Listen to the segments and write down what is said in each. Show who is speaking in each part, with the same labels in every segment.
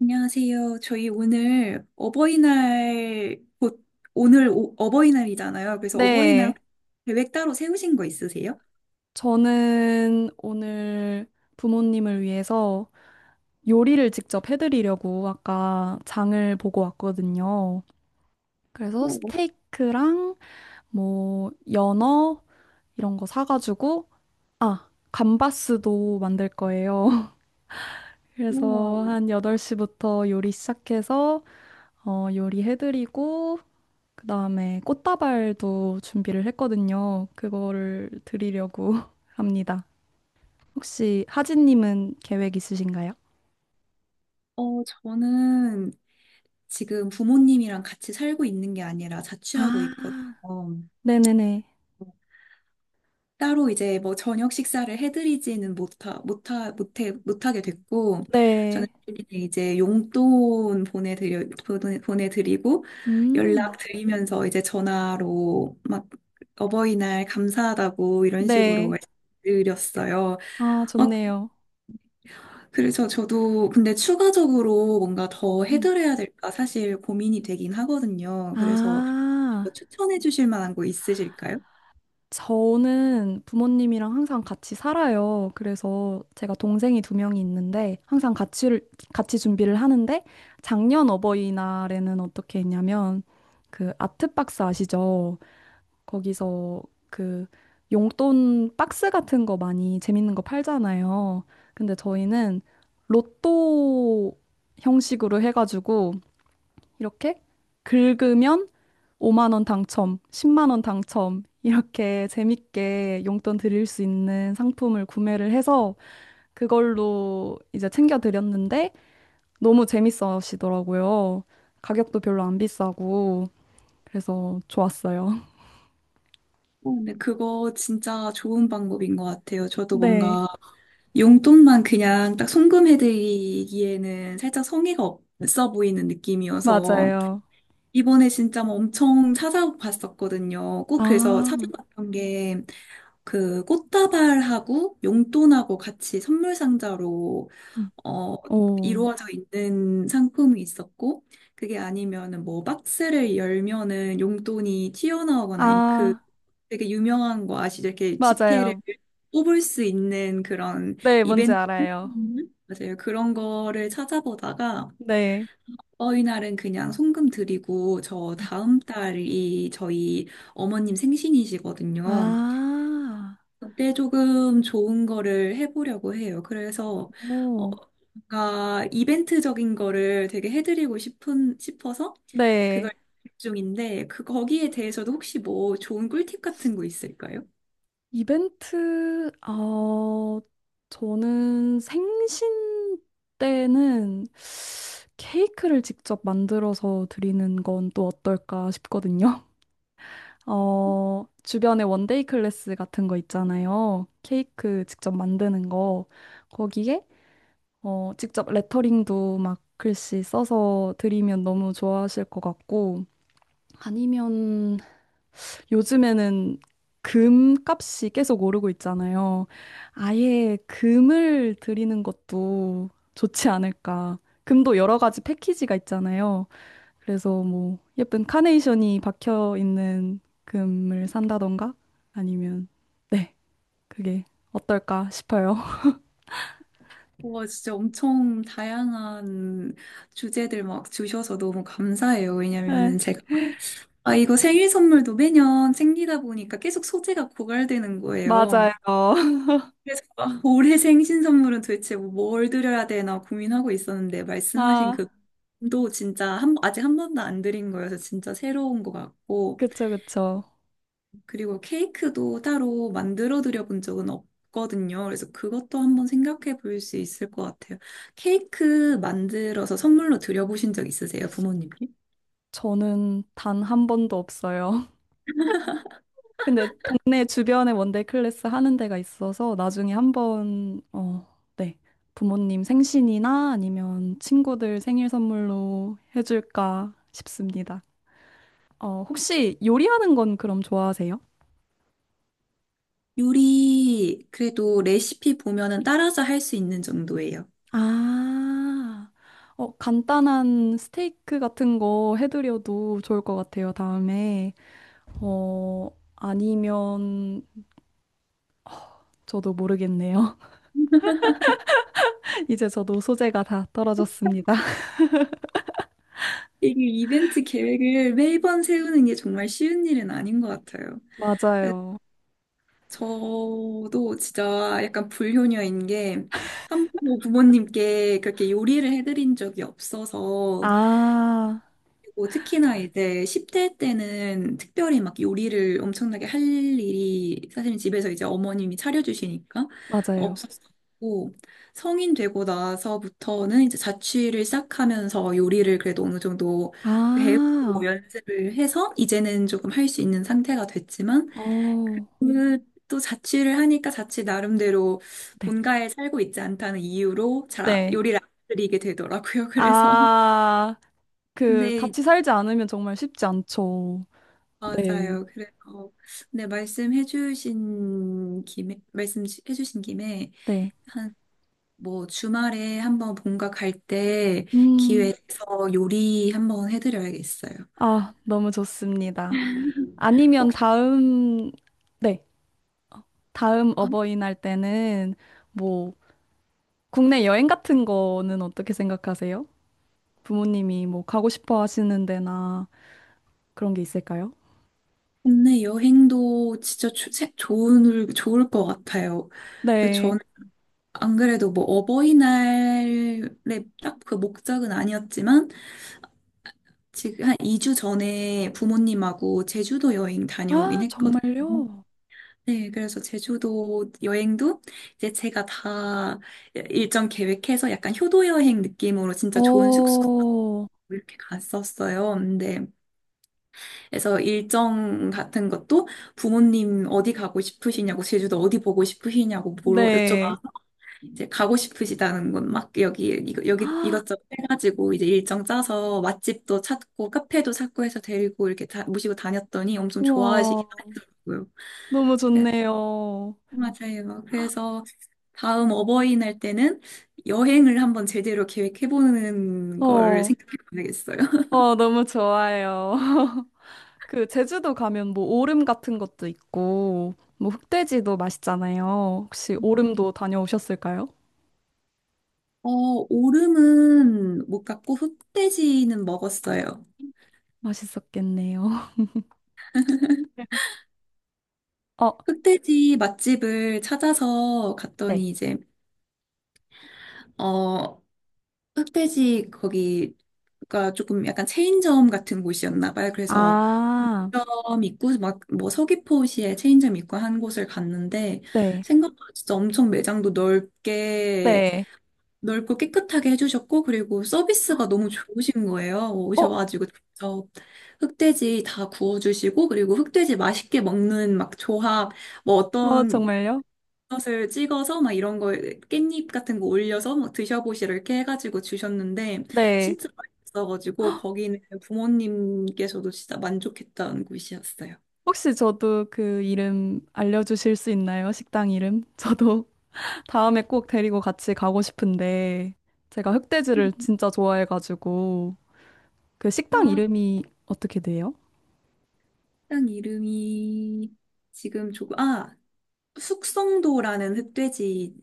Speaker 1: 안녕하세요. 저희 오늘 어버이날, 곧 오늘 어버이날이잖아요. 그래서 어버이날
Speaker 2: 네,
Speaker 1: 계획 따로 세우신 거 있으세요?
Speaker 2: 저는 오늘 부모님을 위해서 요리를 직접 해드리려고 아까 장을 보고 왔거든요. 그래서 스테이크랑 뭐 연어 이런 거 사가지고, 아, 감바스도 만들 거예요. 그래서
Speaker 1: 우와.
Speaker 2: 한 8시부터 요리 시작해서 요리 해드리고, 그 다음에 꽃다발도 준비를 했거든요. 그거를 드리려고 합니다. 혹시 하진님은 계획 있으신가요?
Speaker 1: 저는 지금 부모님이랑 같이 살고 있는 게 아니라 자취하고
Speaker 2: 아,
Speaker 1: 있거든요.
Speaker 2: 네네네.
Speaker 1: 따로 이제 뭐 저녁 식사를 해드리지는 못하게 됐고, 저는
Speaker 2: 네.
Speaker 1: 이제 용돈 보내드리고,
Speaker 2: 음,
Speaker 1: 연락드리면서 이제 전화로 막 어버이날 감사하다고 이런 식으로
Speaker 2: 네.
Speaker 1: 말씀드렸어요.
Speaker 2: 아,
Speaker 1: 어,
Speaker 2: 좋네요.
Speaker 1: 그래서 저도 근데 추가적으로 뭔가 더
Speaker 2: 음.
Speaker 1: 해드려야 될까 사실 고민이 되긴 하거든요. 그래서 뭐
Speaker 2: 아,
Speaker 1: 추천해 주실 만한 거 있으실까요?
Speaker 2: 저는 부모님이랑 항상 같이 살아요. 그래서 제가 동생이 두 명이 있는데 항상 같이, 같이 준비를 하는데 작년 어버이날에는 어떻게 했냐면 그 아트박스 아시죠? 거기서 그 용돈 박스 같은 거 많이 재밌는 거 팔잖아요. 근데 저희는 로또 형식으로 해가지고 이렇게 긁으면 5만 원 당첨, 10만 원 당첨 이렇게 재밌게 용돈 드릴 수 있는 상품을 구매를 해서 그걸로 이제 챙겨 드렸는데 너무 재밌어 하시더라고요. 가격도 별로 안 비싸고 그래서 좋았어요.
Speaker 1: 근데 그거 진짜 좋은 방법인 것 같아요. 저도
Speaker 2: 네,
Speaker 1: 뭔가 용돈만 그냥 딱 송금해드리기에는 살짝 성의가 없어 보이는 느낌이어서
Speaker 2: 맞아요.
Speaker 1: 이번에 진짜 뭐 엄청 찾아봤었거든요. 꼭 그래서
Speaker 2: 아,
Speaker 1: 찾아봤던 게 그 꽃다발하고 용돈하고 같이 선물 상자로
Speaker 2: 음.
Speaker 1: 어,
Speaker 2: 오.
Speaker 1: 이루어져 있는 상품이 있었고, 그게 아니면은 뭐 박스를 열면은 용돈이 튀어나오거나, 아니면 그
Speaker 2: 아,
Speaker 1: 되게 유명한 거 아시죠? 이렇게 지폐를
Speaker 2: 맞아요.
Speaker 1: 뽑을 수 있는 그런
Speaker 2: 네, 뭔지
Speaker 1: 이벤트?
Speaker 2: 알아요.
Speaker 1: 음. 맞아요. 그런 거를 찾아보다가,
Speaker 2: 네.
Speaker 1: 어이 날은 그냥 송금 드리고, 저 다음 달이 저희 어머님 생신이시거든요.
Speaker 2: 아,
Speaker 1: 그때 조금 좋은 거를 해보려고 해요. 그래서 어,
Speaker 2: 오.
Speaker 1: 뭔가 이벤트적인 거를 되게 해드리고 싶은 싶어서 그걸
Speaker 2: 네.
Speaker 1: 계획 중인데 그 거기에 대해서도 혹시 뭐 좋은 꿀팁 같은 거 있을까요?
Speaker 2: 이벤트, 저는 생신 때는 케이크를 직접 만들어서 드리는 건 또 어떨까 싶거든요. 어, 주변에 원데이 클래스 같은 거 있잖아요. 케이크 직접 만드는 거. 거기에 직접 레터링도 막 글씨 써서 드리면 너무 좋아하실 것 같고, 아니면 요즘에는 금 값이 계속 오르고 있잖아요. 아예 금을 드리는 것도 좋지 않을까. 금도 여러 가지 패키지가 있잖아요. 그래서 뭐 예쁜 카네이션이 박혀 있는 금을 산다던가 아니면 네, 그게 어떨까 싶어요.
Speaker 1: 와 진짜 엄청 다양한 주제들 막 주셔서 너무 감사해요. 왜냐면은
Speaker 2: 네,
Speaker 1: 제가 이거 생일 선물도 매년 생기다 보니까 계속 소재가 고갈되는 거예요.
Speaker 2: 맞아요.
Speaker 1: 그래서 올해 생신 선물은 도대체 뭘 드려야 되나 고민하고 있었는데 말씀하신
Speaker 2: 아.
Speaker 1: 그도 진짜 아직 한 번도 안 드린 거여서 진짜 새로운 것 같고
Speaker 2: 그쵸, 그쵸.
Speaker 1: 그리고 케이크도 따로 만들어 드려 본 적은 없거든요. 그래서 그것도 한번 생각해 볼 수 있을 것 같아요. 케이크 만들어서 선물로 드려 보신 적 있으세요, 부모님께?
Speaker 2: 저는 단 한 번도 없어요. 근데 동네 주변에 원데이 클래스 하는 데가 있어서 나중에 한번, 어, 네. 부모님 생신이나 아니면 친구들 생일 선물로 해줄까 싶습니다. 어, 혹시 요리하는 건 그럼 좋아하세요?
Speaker 1: 요리 그래도 레시피 보면은 따라서 할 수 있는 정도예요.
Speaker 2: 아, 어, 간단한 스테이크 같은 거 해드려도 좋을 것 같아요, 다음에. 어, 아니면 저도 모르겠네요. 이제 저도 소재가 다 떨어졌습니다.
Speaker 1: 이게 이벤트 계획을 매번 세우는 게 정말 쉬운 일은 아닌 것 같아요. 네,
Speaker 2: 맞아요.
Speaker 1: 저도 진짜 약간 불효녀인 게 한 번도 부모님께 그렇게 요리를 해드린 적이 없어서
Speaker 2: 아,
Speaker 1: 그리고 특히나 이제 10대 때는 특별히 막 요리를 엄청나게 할 일이 사실 집에서 이제 어머님이 차려주시니까
Speaker 2: 맞아요.
Speaker 1: 없었고 성인 되고 나서부터는 이제 자취를 시작하면서 요리를 그래도 어느 정도 배우고
Speaker 2: 아,
Speaker 1: 연습을 해서 이제는 조금 할 수 있는 상태가 됐지만
Speaker 2: 어,
Speaker 1: 그 또 자취를 하니까 자취 나름대로
Speaker 2: 네.
Speaker 1: 본가에 살고 있지 않다는 이유로 잘
Speaker 2: 네.
Speaker 1: 요리를 안 드리게 되더라고요. 그래서
Speaker 2: 아, 그,
Speaker 1: 네
Speaker 2: 같이 살지 않으면 정말 쉽지 않죠. 네.
Speaker 1: 맞아요. 그래서 네 말씀해주신 김에
Speaker 2: 네.
Speaker 1: 한 뭐 주말에 한번 본가 갈 때
Speaker 2: 음,
Speaker 1: 기회에서 요리 한번 해드려야겠어요.
Speaker 2: 아, 너무 좋습니다. 아니면
Speaker 1: 혹시
Speaker 2: 다음, 네. 다음
Speaker 1: 아,
Speaker 2: 어버이날 때는 뭐, 국내 여행 같은 거는 어떻게 생각하세요? 부모님이 뭐, 가고 싶어 하시는 데나 그런 게 있을까요?
Speaker 1: 국내 여행도 진짜 좋을 것 같아요. 그
Speaker 2: 네.
Speaker 1: 저는 안 그래도 뭐 어버이날에 딱 그 목적은 아니었지만 지금 한 2주 전에 부모님하고 제주도 여행 다녀오긴
Speaker 2: 아,
Speaker 1: 했거든요.
Speaker 2: 정말요?
Speaker 1: 네, 그래서 제주도 여행도 이제 제가 다 일정 계획해서 약간 효도 여행 느낌으로 진짜 좋은 숙소
Speaker 2: 어,
Speaker 1: 이렇게 갔었어요. 근데 그래서 일정 같은 것도 부모님 어디 가고 싶으시냐고 제주도 어디 보고 싶으시냐고 물어
Speaker 2: 네.
Speaker 1: 여쭤봐 이제 가고 싶으시다는 건 막 여기 여기
Speaker 2: 아,
Speaker 1: 이것저것 해가지고 이제 일정 짜서 맛집도 찾고 카페도 찾고 해서 데리고 이렇게 모시고 다녔더니 엄청 좋아하시긴
Speaker 2: 와,
Speaker 1: 하더라고요.
Speaker 2: 너무
Speaker 1: 그래,
Speaker 2: 좋네요.
Speaker 1: 맞아요. 그래서 다음 어버이날 때는 여행을 한번 제대로 계획해보는 걸
Speaker 2: 어,
Speaker 1: 생각해봐야겠어요.
Speaker 2: 어, 너무 좋아요. 그, 제주도 가면 뭐 오름 같은 것도 있고, 뭐 흑돼지도 맛있잖아요. 혹시 오름도 다녀오셨을까요?
Speaker 1: 어, 오름은 못 갔고 흑돼지는 먹었어요.
Speaker 2: 맛있었겠네요. 어,
Speaker 1: 흑돼지 맛집을 찾아서
Speaker 2: 네.
Speaker 1: 갔더니 이제 어 흑돼지 거기가 조금 약간 체인점 같은 곳이었나 봐요. 그래서
Speaker 2: 아,
Speaker 1: 점 있고 막 뭐 서귀포시에 체인점 있고 한 곳을 갔는데
Speaker 2: 네.
Speaker 1: 생각보다 진짜 엄청 매장도 넓게
Speaker 2: 네.
Speaker 1: 넓고 깨끗하게 해주셨고 그리고 서비스가 너무 좋으신 거예요.
Speaker 2: 어,
Speaker 1: 오셔가지고 직접 흑돼지 다 구워주시고 그리고 흑돼지 맛있게 먹는 막 조합 뭐
Speaker 2: 어,
Speaker 1: 어떤
Speaker 2: 정말요?
Speaker 1: 것을 찍어서 막 이런 거 깻잎 같은 거 올려서 막 드셔보시라 이렇게 해가지고 주셨는데
Speaker 2: 네.
Speaker 1: 진짜 맛있어가지고 거기는 부모님께서도 진짜 만족했던 곳이었어요.
Speaker 2: 혹시 저도 그 이름 알려주실 수 있나요? 식당 이름? 저도 다음에 꼭 데리고 같이 가고 싶은데 제가 흑돼지를 진짜 좋아해가지고 그 식당
Speaker 1: 아,
Speaker 2: 이름이 어떻게 돼요?
Speaker 1: 식당 이름이 지금 조금 숙성도라는 흑돼지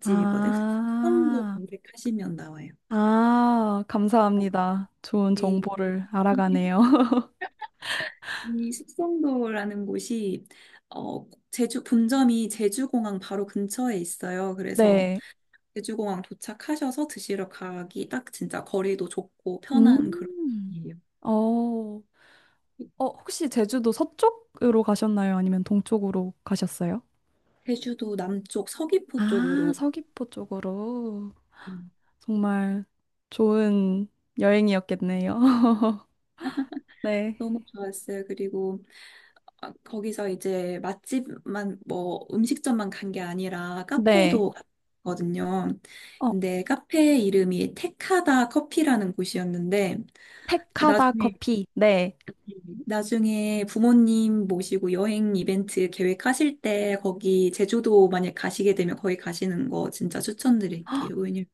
Speaker 1: 집이거든. 숙성도
Speaker 2: 아,
Speaker 1: 검색하시면 나와요.
Speaker 2: 아,
Speaker 1: 어,
Speaker 2: 감사합니다. 좋은
Speaker 1: 네.
Speaker 2: 정보를 알아가네요.
Speaker 1: 이 숙성도라는 곳이 제주 본점이 제주공항 바로 근처에 있어요. 그래서
Speaker 2: 네.
Speaker 1: 제주공항 도착하셔서 드시러 가기 딱 진짜 거리도 좁고 편한 그런
Speaker 2: 음.
Speaker 1: 곳이에요.
Speaker 2: 어, 어, 혹시 제주도 서쪽으로 가셨나요? 아니면 동쪽으로 가셨어요?
Speaker 1: 제주도 남쪽 서귀포
Speaker 2: 아,
Speaker 1: 쪽으로
Speaker 2: 서귀포 쪽으로.
Speaker 1: 음.
Speaker 2: 정말 좋은 여행이었겠네요. 네.
Speaker 1: 너무 좋았어요. 그리고 거기서 이제 맛집만 뭐 음식점만 간 게 아니라
Speaker 2: 네.
Speaker 1: 카페도 갔거든요.
Speaker 2: 어
Speaker 1: 근데 카페 이름이 테카다 커피라는 곳이었는데
Speaker 2: 택하다
Speaker 1: 나중에
Speaker 2: 커피. 네,
Speaker 1: 나중에 부모님 모시고 여행 이벤트 계획하실 때 거기 제주도 만약 가시게 되면 거기 가시는 거 진짜 추천드릴게요. 왜냐면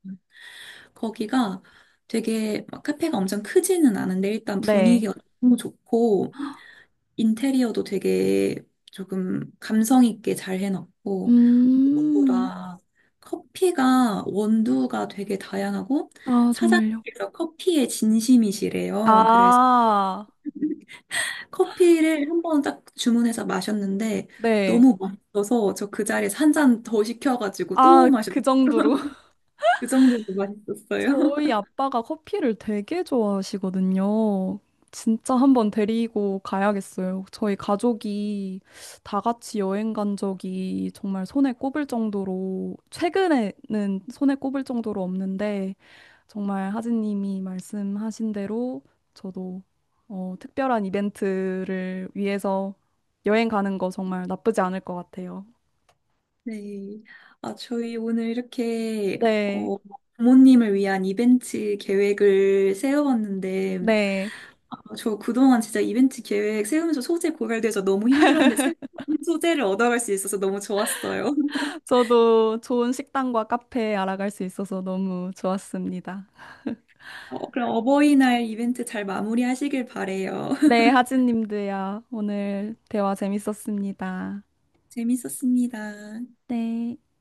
Speaker 1: 거기가 되게 막 카페가 엄청 크지는 않은데 일단
Speaker 2: 네.
Speaker 1: 분위기가 너무 좋고 인테리어도 되게 조금 감성 있게 잘 해놨고
Speaker 2: 음,
Speaker 1: 무엇보다 커피가 원두가 되게 다양하고
Speaker 2: 아, 정말요.
Speaker 1: 사장님께서 커피에 진심이시래요. 그래서
Speaker 2: 아,
Speaker 1: 커피를 한 번 딱 주문해서 마셨는데
Speaker 2: 네.
Speaker 1: 너무 맛있어서 저 그 자리에서 한 잔 더 시켜가지고 또
Speaker 2: 아,
Speaker 1: 마셨.
Speaker 2: 그 정도로.
Speaker 1: 그 정도로 맛있었어요.
Speaker 2: 저희 아빠가 커피를 되게 좋아하시거든요. 진짜 한번 데리고 가야겠어요. 저희 가족이 다 같이 여행 간 적이 정말 손에 꼽을 정도로, 최근에는 손에 꼽을 정도로 없는데, 정말 하진님이 말씀하신 대로 저도 어, 특별한 이벤트를 위해서 여행 가는 거 정말 나쁘지 않을 것 같아요.
Speaker 1: 네. 저희 오늘 이렇게
Speaker 2: 네,
Speaker 1: 어, 부모님을 위한 이벤트 계획을 세워봤는데
Speaker 2: 네.
Speaker 1: 저 그동안 진짜 이벤트 계획 세우면서 소재 고갈돼서 너무 힘들었는데 새로운 소재를 얻어갈 수 있어서 너무 좋았어요.
Speaker 2: 저도 좋은 식당과 카페 알아갈 수 있어서 너무 좋았습니다.
Speaker 1: 그럼 어버이날 이벤트 잘 마무리하시길 바래요.
Speaker 2: 네, 하진님도요. 오늘 대화 재밌었습니다.
Speaker 1: 재밌었습니다.
Speaker 2: 네.